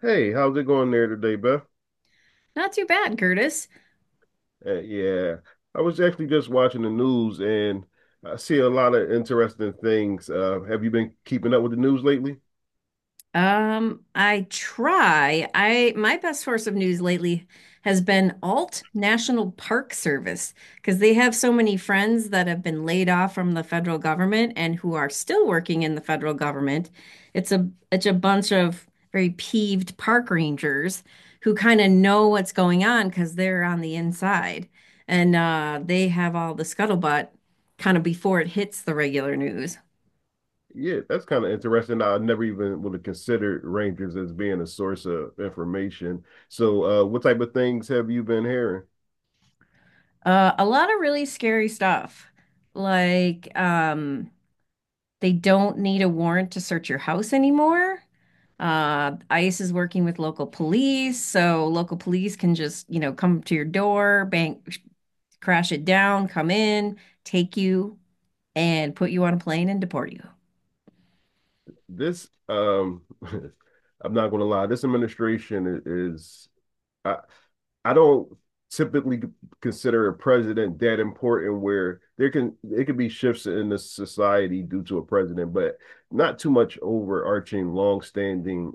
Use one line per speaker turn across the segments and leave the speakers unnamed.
Hey, how's it going there today, Beth?
Not too bad, Curtis.
Uh, yeah, I was actually just watching the news and I see a lot of interesting things. Have you been keeping up with the news lately?
I try. I my best source of news lately has been Alt National Park Service because they have so many friends that have been laid off from the federal government and who are still working in the federal government. It's a bunch of very peeved park rangers who kind of know what's going on because they're on the inside and they have all the scuttlebutt kind of before it hits the regular news.
Yeah, that's kind of interesting. I never even would have considered Rangers as being a source of information. So, what type of things have you been hearing?
A lot of really scary stuff. Like, they don't need a warrant to search your house anymore. ICE is working with local police, so local police can just, you know, come to your door, bang, crash it down, come in, take you, and put you on a plane and deport you.
This, I'm not going to lie, this administration is. I, I don't typically consider a president that important where there can it could be shifts in the society due to a president, but not too much overarching, long-standing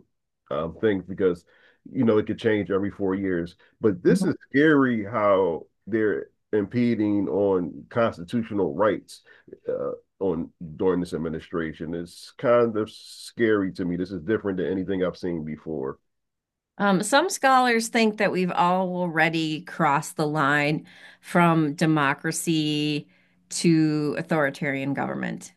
things because you know it could change every 4 years. But this is scary how they're impeding on constitutional rights, uh, on during this administration. It's kind of scary to me. This is different than anything I've seen before.
Some scholars think that we've already crossed the line from democracy to authoritarian government.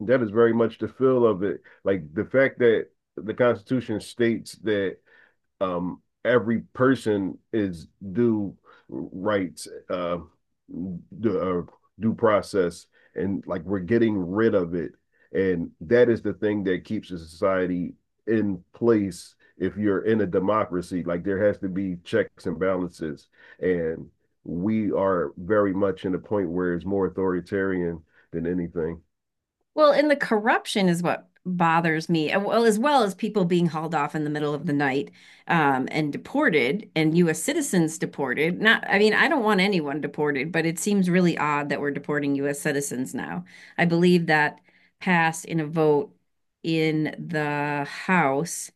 That is very much the feel of it. Like the fact that the Constitution states that every person is due rights, due, uh, due process, and like we're getting rid of it. And that is the thing that keeps a society in place if you're in a democracy. Like there has to be checks and balances. And we are very much in a point where it's more authoritarian than anything.
Well, and the corruption is what bothers me. Well, as well as people being hauled off in the middle of the night, and deported, and U.S. citizens deported. Not, I mean, I don't want anyone deported, but it seems really odd that we're deporting U.S. citizens now. I believe that passed in a vote in the House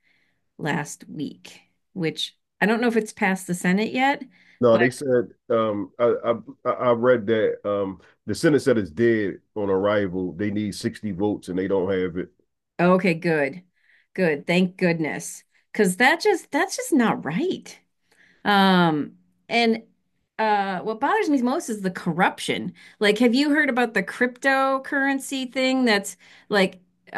last week, which I don't know if it's passed the Senate yet,
No,
but
they said I read that the Senate said it's dead on arrival. They need 60 votes and they don't have it.
okay, good, good. Thank goodness, because that's just not right. Um, and What bothers me most is the corruption. Like, have you heard about the cryptocurrency thing that's like,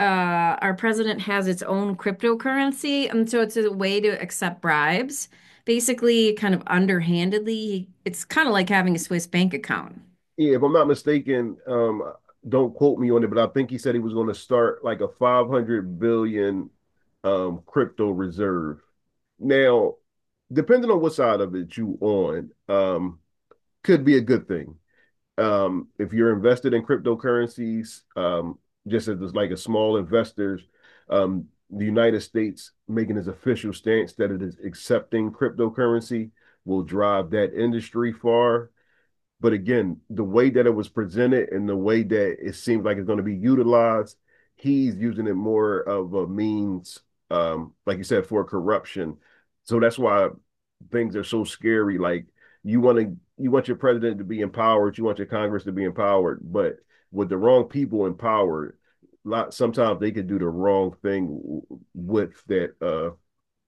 our president has its own cryptocurrency, and so it's a way to accept bribes. Basically, kind of underhandedly, it's kind of like having a Swiss bank account.
Yeah, if I'm not mistaken, don't quote me on it, but I think he said he was going to start like a 500 billion crypto reserve. Now, depending on what side of it you on, could be a good thing. If you're invested in cryptocurrencies, just as like a small investors, the United States making its official stance that it is accepting cryptocurrency will drive that industry far. But again, the way that it was presented and the way that it seems like it's going to be utilized, he's using it more of a means, like you said, for corruption. So that's why things are so scary. Like you want your president to be empowered, you want your Congress to be empowered, but with the wrong people empowered, lot sometimes they could do the wrong thing with that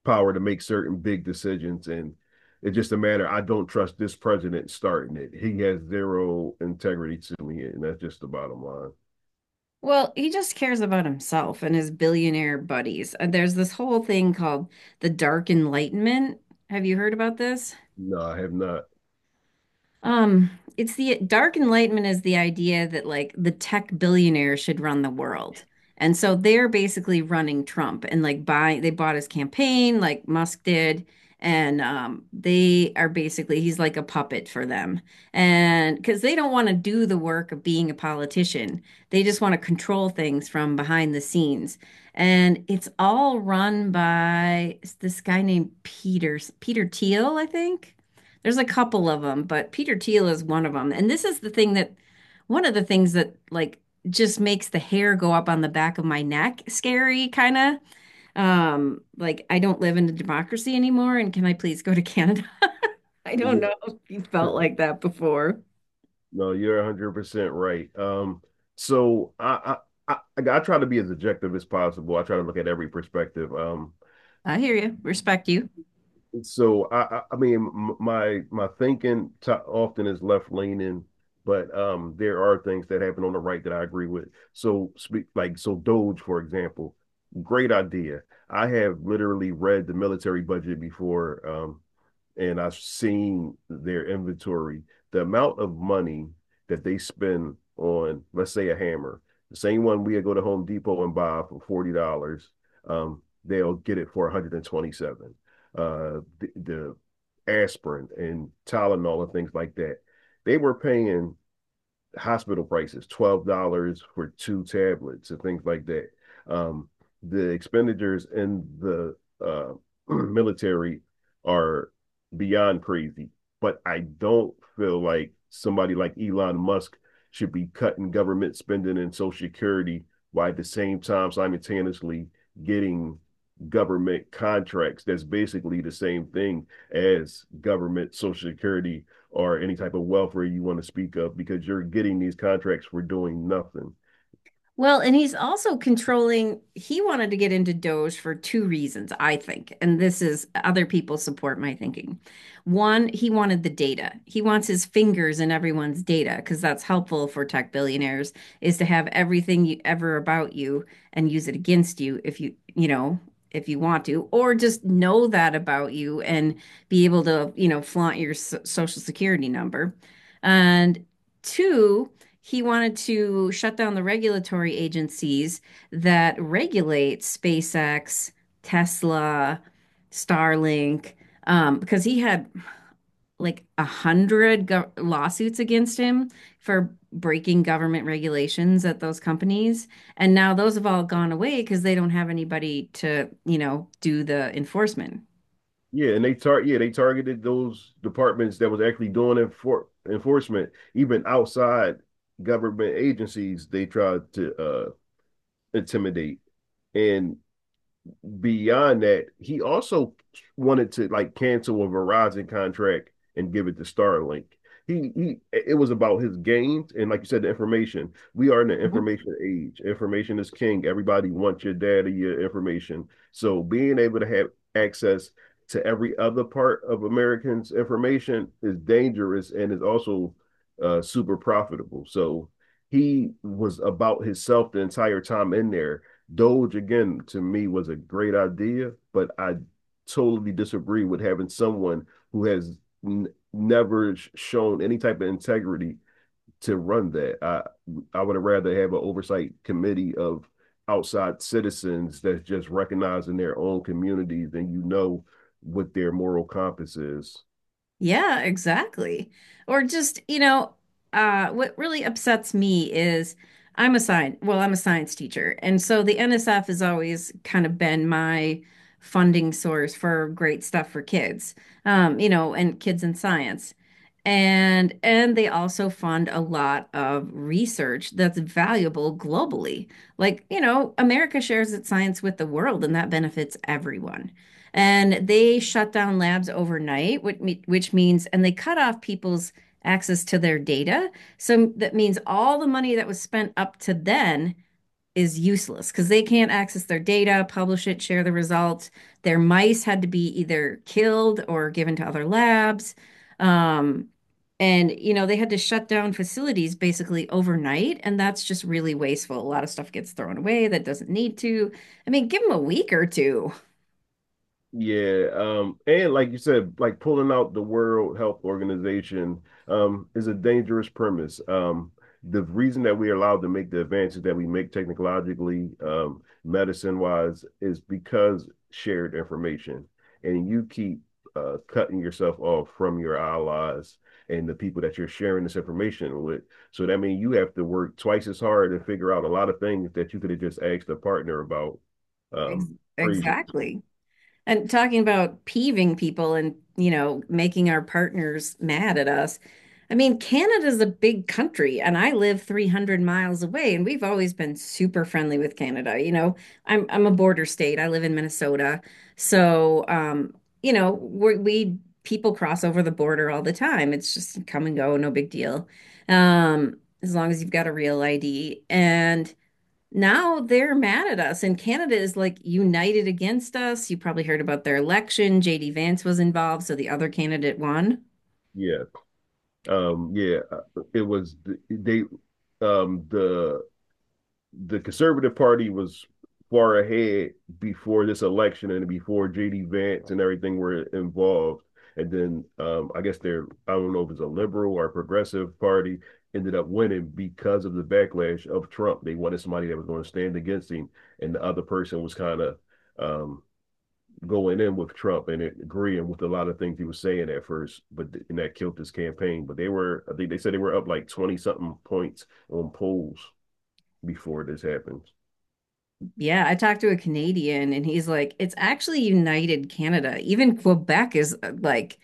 power to make certain big decisions. And it's just a matter, I don't trust this president starting it. He has zero integrity to me, and that's just the bottom line.
Well, he just cares about himself and his billionaire buddies. There's this whole thing called the Dark Enlightenment. Have you heard about this?
No, I have not.
Um, it's the dark enlightenment is the idea that like the tech billionaire should run the world. And so they're basically running Trump and like buying they bought his campaign like Musk did. And they are basically he's like a puppet for them. And because they don't want to do the work of being a politician. They just want to control things from behind the scenes. And it's all run by this guy named Peter Thiel, I think. There's a couple of them, but Peter Thiel is one of them. And this is the thing that one of the things that like just makes the hair go up on the back of my neck scary kind of, like, I don't live in a democracy anymore and can I please go to Canada? I don't know
Yeah.
if you felt like that before.
No, you're 100% right. So I, I try to be as objective as possible. I try to look at every perspective.
I hear you. Respect you.
So I mean, my thinking often is left leaning, but there are things that happen on the right that I agree with. So speak like so Doge, for example, great idea. I have literally read the military budget before and I've seen their inventory, the amount of money that they spend on, let's say, a hammer, the same one we go to Home Depot and buy for $40, they'll get it for 127. Dollars. The, the aspirin and Tylenol and things like that, they were paying hospital prices, $12 for two tablets and things like that. Um, the expenditures in the uh, military are beyond crazy, but I don't feel like somebody like Elon Musk should be cutting government spending and Social Security while at the same time simultaneously getting government contracts. That's basically the same thing as government Social Security or any type of welfare you want to speak of because you're getting these contracts for doing nothing.
Well, and he's also controlling, he wanted to get into Doge for two reasons, I think. And this is other people support my thinking. One, he wanted the data. He wants his fingers in everyone's data because that's helpful for tech billionaires is to have everything you ever about you and use it against you if you, you know, if you want to, or just know that about you and be able to, you know, flaunt your social security number. And two, he wanted to shut down the regulatory agencies that regulate SpaceX, Tesla, Starlink, because he had like a hundred lawsuits against him for breaking government regulations at those companies. And now those have all gone away because they don't have anybody to, you know, do the enforcement.
Yeah, they targeted those departments that was actually doing enforcement, even outside government agencies they tried to intimidate. And beyond that, he also wanted to like cancel a Verizon contract and give it to Starlink. He it was about his gains, and like you said, the information, we are in the information age, information is king, everybody wants your data, your information, so being able to have access to every other part of americans information is dangerous and is also super profitable. So he was about himself the entire time in there. Doge again to me was a great idea, but I totally disagree with having someone who has n- never shown any type of integrity to run that. I would have rather have an oversight committee of outside citizens that's just recognizing their own communities and you know what their moral compass is.
Yeah, exactly. Or just, you know, what really upsets me is I'm a science teacher. And so the NSF has always kind of been my funding source for great stuff for kids, you know, and kids in science. And they also fund a lot of research that's valuable globally. Like, you know, America shares its science with the world and that benefits everyone. And they shut down labs overnight, which means and they cut off people's access to their data. So that means all the money that was spent up to then is useless because they can't access their data, publish it, share the results. Their mice had to be either killed or given to other labs. Um, and, you know, they had to shut down facilities basically overnight. And that's just really wasteful. A lot of stuff gets thrown away that doesn't need to. I mean, give them a week or two.
Yeah, and like you said, like pulling out the World Health Organization is a dangerous premise. The reason that we are allowed to make the advances that we make technologically, medicine-wise, is because shared information, and you keep cutting yourself off from your allies and the people that you're sharing this information with. So that means you have to work twice as hard to figure out a lot of things that you could have just asked a partner about.
Ex-
Um, Crazy,
exactly. And talking about peeving people and, you know, making our partners mad at us. I mean, Canada's a big country and I live 300 miles away and we've always been super friendly with Canada. You know, I'm a border state. I live in Minnesota. So, you know, we people cross over the border all the time. It's just come and go, no big deal. Um, as long as you've got a real ID, and now they're mad at us, and Canada is like united against us. You probably heard about their election. JD Vance was involved, so the other candidate won.
yeah. Yeah it was they um the the conservative party was far ahead before this election and before jd vance and everything were involved. And then I guess they're I don't know if it's a liberal or a progressive party ended up winning because of the backlash of trump. They wanted somebody that was going to stand against him, and the other person was kind of um going in with Trump and agreeing with a lot of things he was saying at first, but and that killed his campaign. But they were, I think they said they were up like 20 something points on polls before this happened.
Yeah, I talked to a Canadian and he's like, it's actually united Canada. Even Quebec is, like,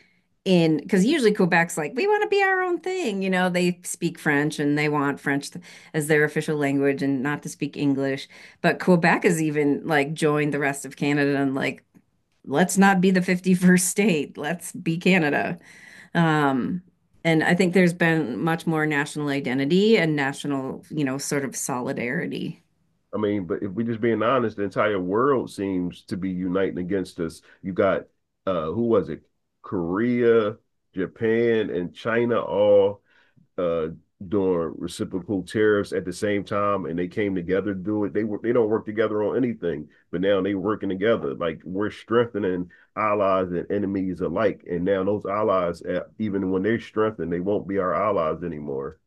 in, because usually Quebec's like, we want to be our own thing, you know, they speak French and they want French as their official language and not to speak English. But Quebec has even like joined the rest of Canada and like, let's not be the 51st state, let's be Canada. Um, and I think there's been much more national identity and national, you know, sort of solidarity.
I mean, but if we're just being honest, the entire world seems to be uniting against us. You got, who was it? Korea, Japan, and China all uh doing reciprocal tariffs at the same time and they came together to do it. They don't work together on anything, but now they working together. Like we're strengthening allies and enemies alike. And now those allies, even when they're strengthened, they won't be our allies anymore.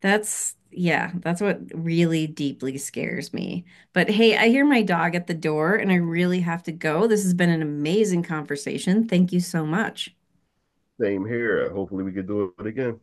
That's, yeah, that's what really deeply scares me. But hey, I hear my dog at the door and I really have to go. This has been an amazing conversation. Thank you so much.
Same here. Hopefully we can do it again.